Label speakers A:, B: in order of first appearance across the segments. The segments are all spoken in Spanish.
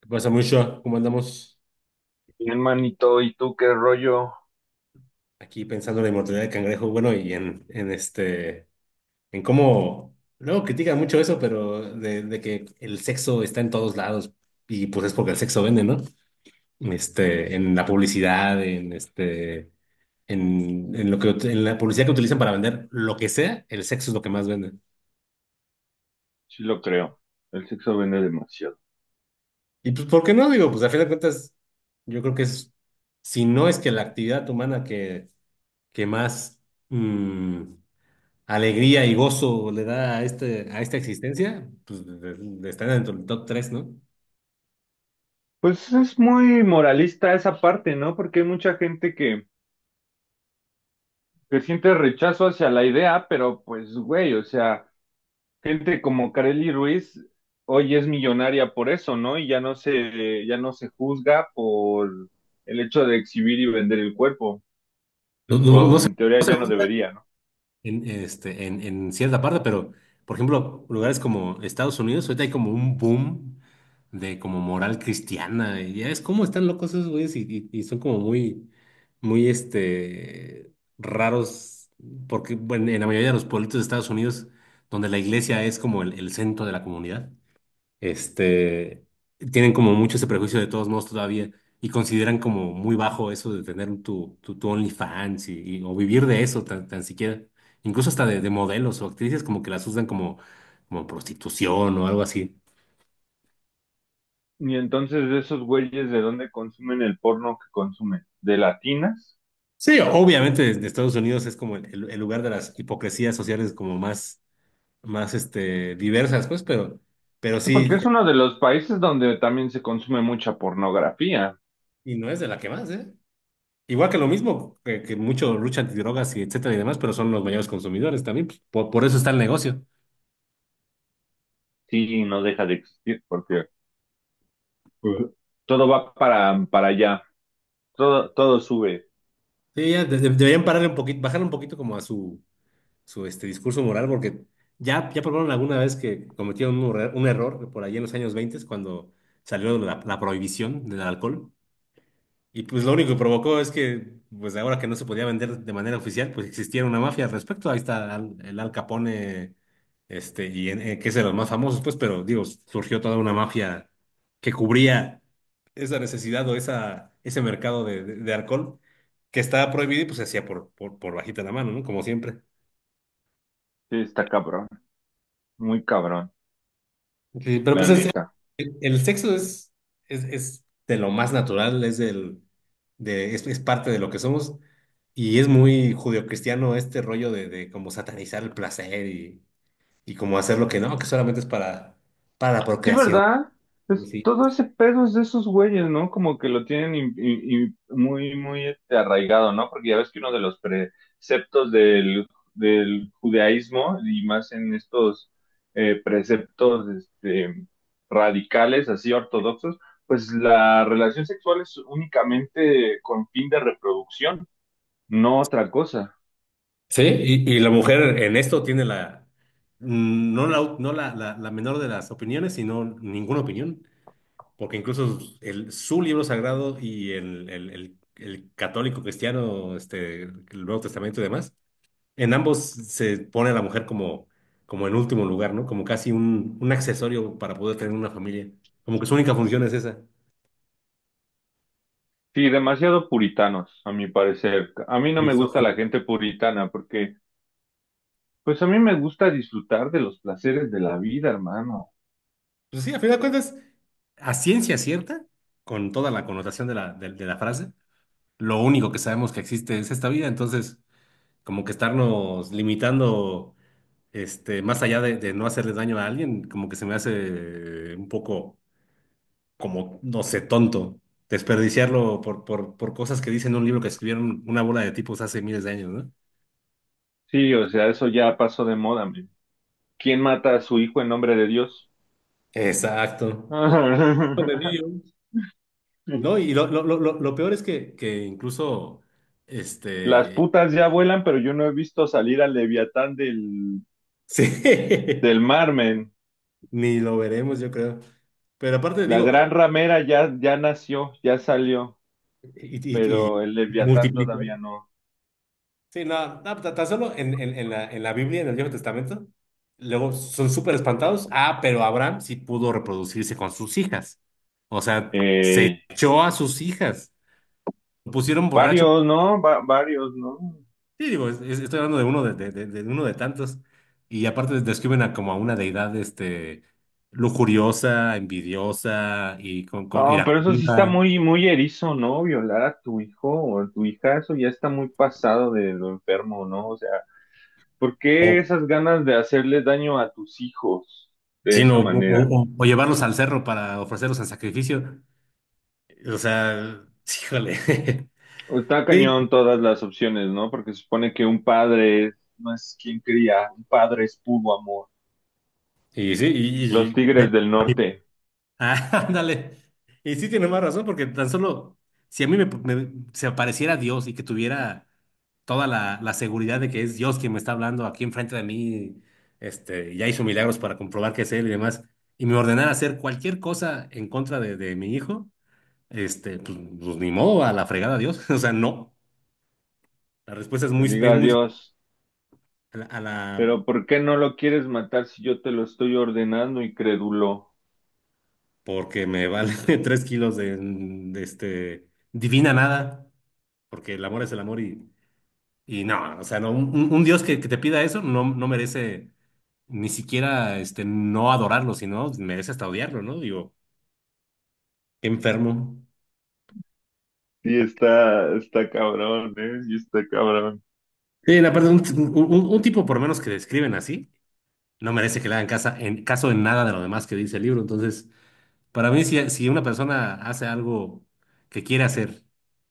A: ¿Qué pasa, mucho? ¿Cómo andamos
B: Bien, manito, ¿y tú qué rollo?
A: aquí pensando en la inmortalidad del cangrejo? Bueno, y en cómo, luego critican mucho eso, pero de que el sexo está en todos lados y pues es porque el sexo vende, ¿no? En la publicidad, en lo que, en la publicidad que utilizan para vender lo que sea, el sexo es lo que más vende.
B: Sí lo creo. El sexo vende demasiado.
A: Y pues, ¿por qué no? Digo, pues a fin de cuentas, yo creo que es, si no es que la actividad humana que, que más mm, alegría y gozo le da a, a esta existencia, pues está dentro del top tres, ¿no?
B: Pues es muy moralista esa parte, ¿no? Porque hay mucha gente que siente rechazo hacia la idea, pero pues, güey, o sea, gente como Kareli Ruiz hoy es millonaria por eso, ¿no? Y ya no se juzga por el hecho de exhibir y vender el cuerpo.
A: No, no,
B: O
A: no se,
B: en teoría
A: no se
B: ya no
A: juzga
B: debería, ¿no?
A: en cierta parte, pero por ejemplo, lugares como Estados Unidos, ahorita hay como un boom de como moral cristiana, y ya es como están locos esos güeyes y, y son como muy, muy raros, porque bueno, en la mayoría de los pueblitos de Estados Unidos, donde la iglesia es como el centro de la comunidad este, Tienen como mucho ese prejuicio de todos modos todavía y consideran como muy bajo eso de tener tu, tu OnlyFans y, o vivir de eso tan, tan siquiera. Incluso hasta de modelos o actrices como que las usan como, como prostitución o algo así.
B: Y entonces de esos güeyes, ¿de dónde consumen el porno que consumen? ¿De latinas?
A: Sí, obviamente desde Estados Unidos es como el, el lugar de las hipocresías sociales como más, más diversas, pues, pero
B: Porque
A: sí,
B: es uno de los países donde también se consume mucha pornografía.
A: y no es de la que más, ¿eh? Igual que lo mismo, que mucho lucha antidrogas y etcétera y demás, pero son los mayores consumidores también, pues, por eso está el negocio.
B: Sí, no deja de existir porque pues, todo va para allá. Todo, todo sube.
A: Sí, ya deberían pararle un poquito, bajarle un poquito como a su, su discurso moral, porque ya, ya probaron alguna vez que cometieron un error por ahí en los años 20 cuando salió la, la prohibición del alcohol. Y pues lo único que provocó es que, pues ahora que no se podía vender de manera oficial, pues existiera una mafia al respecto. Ahí está Al- el Al Capone, que es de los más famosos, pues, pero digo, surgió toda una mafia que cubría esa necesidad o esa, ese mercado de, de alcohol que estaba prohibido y pues se hacía por bajita la mano, ¿no? Como siempre.
B: Sí, está cabrón. Muy cabrón,
A: Sí, pero
B: la
A: pues es-
B: neta.
A: el sexo es de lo más natural, es, del, de, es parte de lo que somos y es muy judeocristiano este rollo de como satanizar el placer y como hacer lo que no, que solamente es para la
B: Sí,
A: procreación.
B: ¿verdad?
A: Y
B: Es,
A: sí,
B: todo ese pedo es de esos güeyes, ¿no? Como que lo tienen muy, muy este, arraigado, ¿no? Porque ya ves que uno de los preceptos del judaísmo, y más en estos preceptos este, radicales, así ortodoxos, pues la relación sexual es únicamente con fin de reproducción, no otra cosa.
A: sí, y la mujer en esto tiene la, no la, no la, la, la menor de las opiniones, sino ninguna opinión. Porque incluso el, su libro sagrado y el, el católico cristiano, el Nuevo Testamento y demás, en ambos se pone a la mujer como, como en último lugar, ¿no? Como casi un accesorio para poder tener una familia. Como que su única función es esa,
B: Sí, demasiado puritanos, a mi parecer. A mí no me gusta
A: misógino.
B: la gente puritana porque... Pues a mí me gusta disfrutar de los placeres de la vida, hermano.
A: Pues sí, a final de cuentas, a ciencia cierta, con toda la connotación de la frase, lo único que sabemos que existe es esta vida, entonces como que estarnos limitando más allá de no hacerle daño a alguien, como que se me hace un poco, como, no sé, tonto desperdiciarlo por cosas que dicen en un libro que escribieron una bola de tipos hace miles de años, ¿no?
B: Sí, o sea, eso ya pasó de moda, men. ¿Quién mata a su hijo en nombre de Dios?
A: Exacto. De Dios. No, y lo, lo peor es que incluso,
B: Las
A: este,
B: putas ya vuelan, pero yo no he visto salir al Leviatán
A: sí,
B: del mar, men.
A: ni lo veremos, yo creo. Pero aparte
B: La
A: digo,
B: gran ramera ya, ya nació, ya salió,
A: y, y,
B: pero el
A: y se
B: Leviatán
A: multiplicó.
B: todavía no.
A: Sí, no, no, tan solo en la Biblia, en el Viejo Testamento, luego son súper espantados. Ah, pero Abraham sí pudo reproducirse con sus hijas. O sea, se
B: Eh,
A: echó a sus hijas. Lo pusieron borracho.
B: varios, ¿no? Varios, ¿no?
A: Sí, digo, estoy hablando de uno de, de uno de tantos. Y aparte describen a como a una deidad lujuriosa, envidiosa y con
B: No, pero eso sí está
A: iracunda.
B: muy, muy erizo, ¿no? Violar a tu hijo o a tu hija, eso ya está muy pasado de lo enfermo, ¿no? O sea, ¿por qué
A: O,
B: esas ganas de hacerles daño a tus hijos de esa
A: sino, o,
B: manera?
A: o llevarlos al cerro para ofrecerlos en sacrificio. O sea, híjole.
B: Está
A: Sí,
B: cañón todas las opciones, ¿no? Porque se supone que un padre no es quien cría, un padre es puro amor.
A: y sí,
B: Los
A: y,
B: tigres del
A: y- y-
B: norte,
A: ah, ándale. Y sí tiene más razón, porque tan solo si a mí me, se apareciera Dios y que tuviera toda la, la seguridad de que es Dios quien me está hablando aquí enfrente de mí, ya hizo milagros para comprobar que es Él y demás, y me ordenara hacer cualquier cosa en contra de mi hijo, pues, pues, ni modo, a la fregada Dios. O sea, no. La respuesta
B: que diga
A: es muy
B: adiós.
A: a la,
B: Pero ¿por qué no lo quieres matar si yo te lo estoy ordenando, incrédulo?
A: porque me vale tres kilos de este divina nada. Porque el amor es el amor y no, o sea, no, un, un Dios que te pida eso no, no merece ni siquiera no adorarlo, sino merece hasta odiarlo, ¿no? Digo, qué enfermo.
B: Sí, está, está cabrón, ¿eh? Sí, está cabrón.
A: Sí, la verdad, un, un tipo por menos que describen así, no merece que le hagan casa, en, caso en nada de lo demás que dice el libro. Entonces, para mí, si, si una persona hace algo que quiere hacer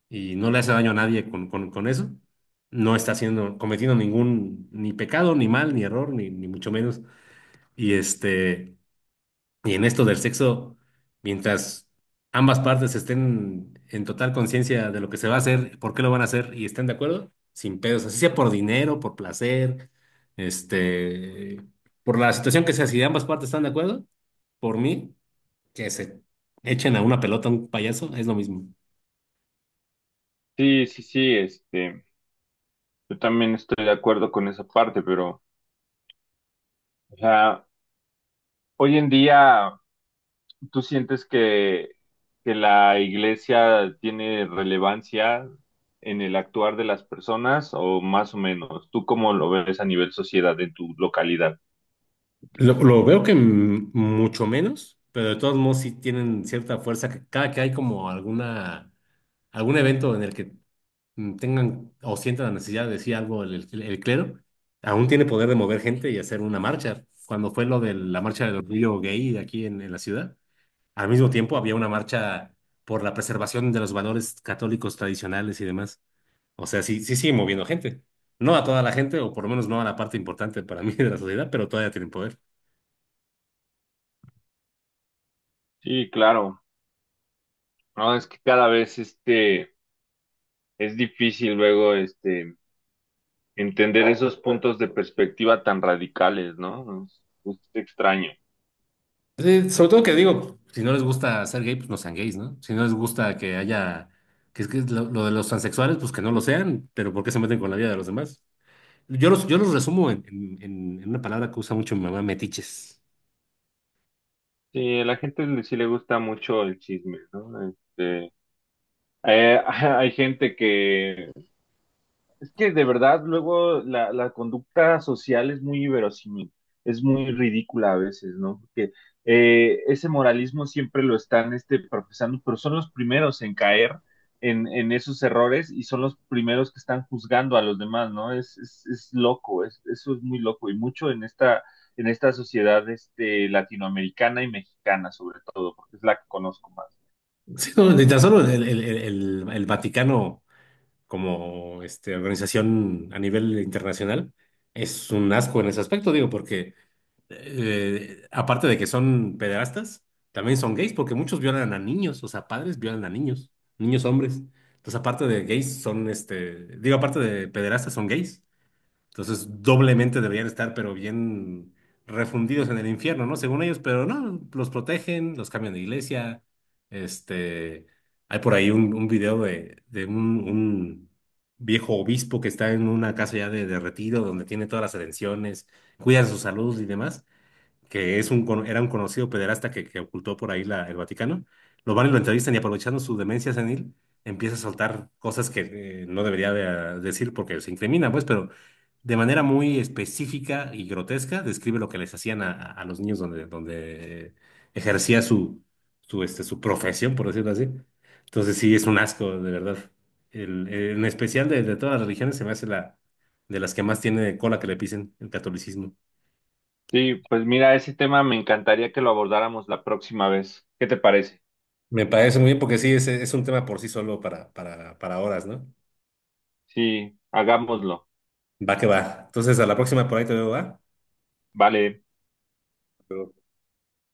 A: y no le hace daño a nadie con, con eso, no está haciendo, cometiendo ningún, ni pecado, ni mal, ni error, ni, ni mucho menos. Y este, Y en esto del sexo, mientras ambas partes estén en total conciencia de lo que se va a hacer, por qué lo van a hacer y estén de acuerdo, sin pedos, así sea por dinero, por placer, este, por la situación que sea, si ambas partes están de acuerdo, por mí, que se echen a una pelota a un payaso, es lo mismo.
B: Sí, sí, sí, este, yo también estoy de acuerdo con esa parte, pero, o sea, hoy en día, ¿tú sientes que la iglesia tiene relevancia en el actuar de las personas o más o menos? ¿Tú cómo lo ves a nivel sociedad en tu localidad?
A: Lo veo que mucho menos, pero de todos modos sí tienen cierta fuerza, que cada que hay como alguna algún evento en el que tengan o sientan la necesidad de decir algo el, el clero, aún tiene poder de mover gente y hacer una marcha. Cuando fue lo de la marcha del orgullo gay aquí en la ciudad, al mismo tiempo había una marcha por la preservación de los valores católicos tradicionales y demás. O sea, sí, sí sigue moviendo gente. No a toda la gente, o por lo menos no a la parte importante para mí de la sociedad, pero todavía tienen poder.
B: Sí, claro, no, es que cada vez, este, es difícil luego, este, entender esos puntos de perspectiva tan radicales, ¿no? Es extraño.
A: Sí, sobre todo que digo, si no les gusta ser gay, pues no sean gays, ¿no? Si no les gusta que haya, que es lo de los transexuales, pues que no lo sean, pero ¿por qué se meten con la vida de los demás? Yo los resumo en, en una palabra que usa mucho mi mamá, metiches.
B: Sí, a la gente sí le gusta mucho el chisme, ¿no? Este, eh, hay gente que es que de verdad luego la conducta social es muy inverosímil, es muy ridícula a veces, ¿no? Porque ese moralismo siempre lo están este, profesando, pero son los primeros en caer en esos errores y son los primeros que están juzgando a los demás, ¿no? Es loco, es, eso es muy loco y mucho en esta sociedad este, latinoamericana y mexicana sobre todo, porque es la que conozco más.
A: Sí, no, ni tan solo el, el Vaticano como organización a nivel internacional es un asco en ese aspecto, digo, porque aparte de que son pederastas, también son gays porque muchos violan a niños, o sea, padres violan a niños, niños hombres. Entonces, aparte de gays, son digo, aparte de pederastas, son gays. Entonces, doblemente deberían estar, pero bien refundidos en el infierno, ¿no? Según ellos, pero no, los protegen, los cambian de iglesia. Este, hay por ahí un video de un viejo obispo que está en una casa ya de retiro donde tiene todas las atenciones, cuidan su salud y demás que es un, era un conocido pederasta que ocultó por ahí la, el Vaticano, lo van y lo entrevistan y aprovechando su demencia senil, empieza a soltar cosas que no debería decir porque se incrimina, pues, pero de manera muy específica y grotesca describe lo que les hacían a, a los niños donde, donde ejercía su, su, su profesión, por decirlo así. Entonces sí, es un asco, de verdad. El, en especial de todas las religiones se me hace la de las que más tiene cola que le pisen el catolicismo.
B: Sí, pues mira, ese tema me encantaría que lo abordáramos la próxima vez. ¿Qué te parece?
A: Me parece muy bien porque sí, es un tema por sí solo para horas, ¿no?
B: Sí, hagámoslo.
A: Va que va. Entonces, a la próxima por ahí te veo, ¿va?
B: Vale.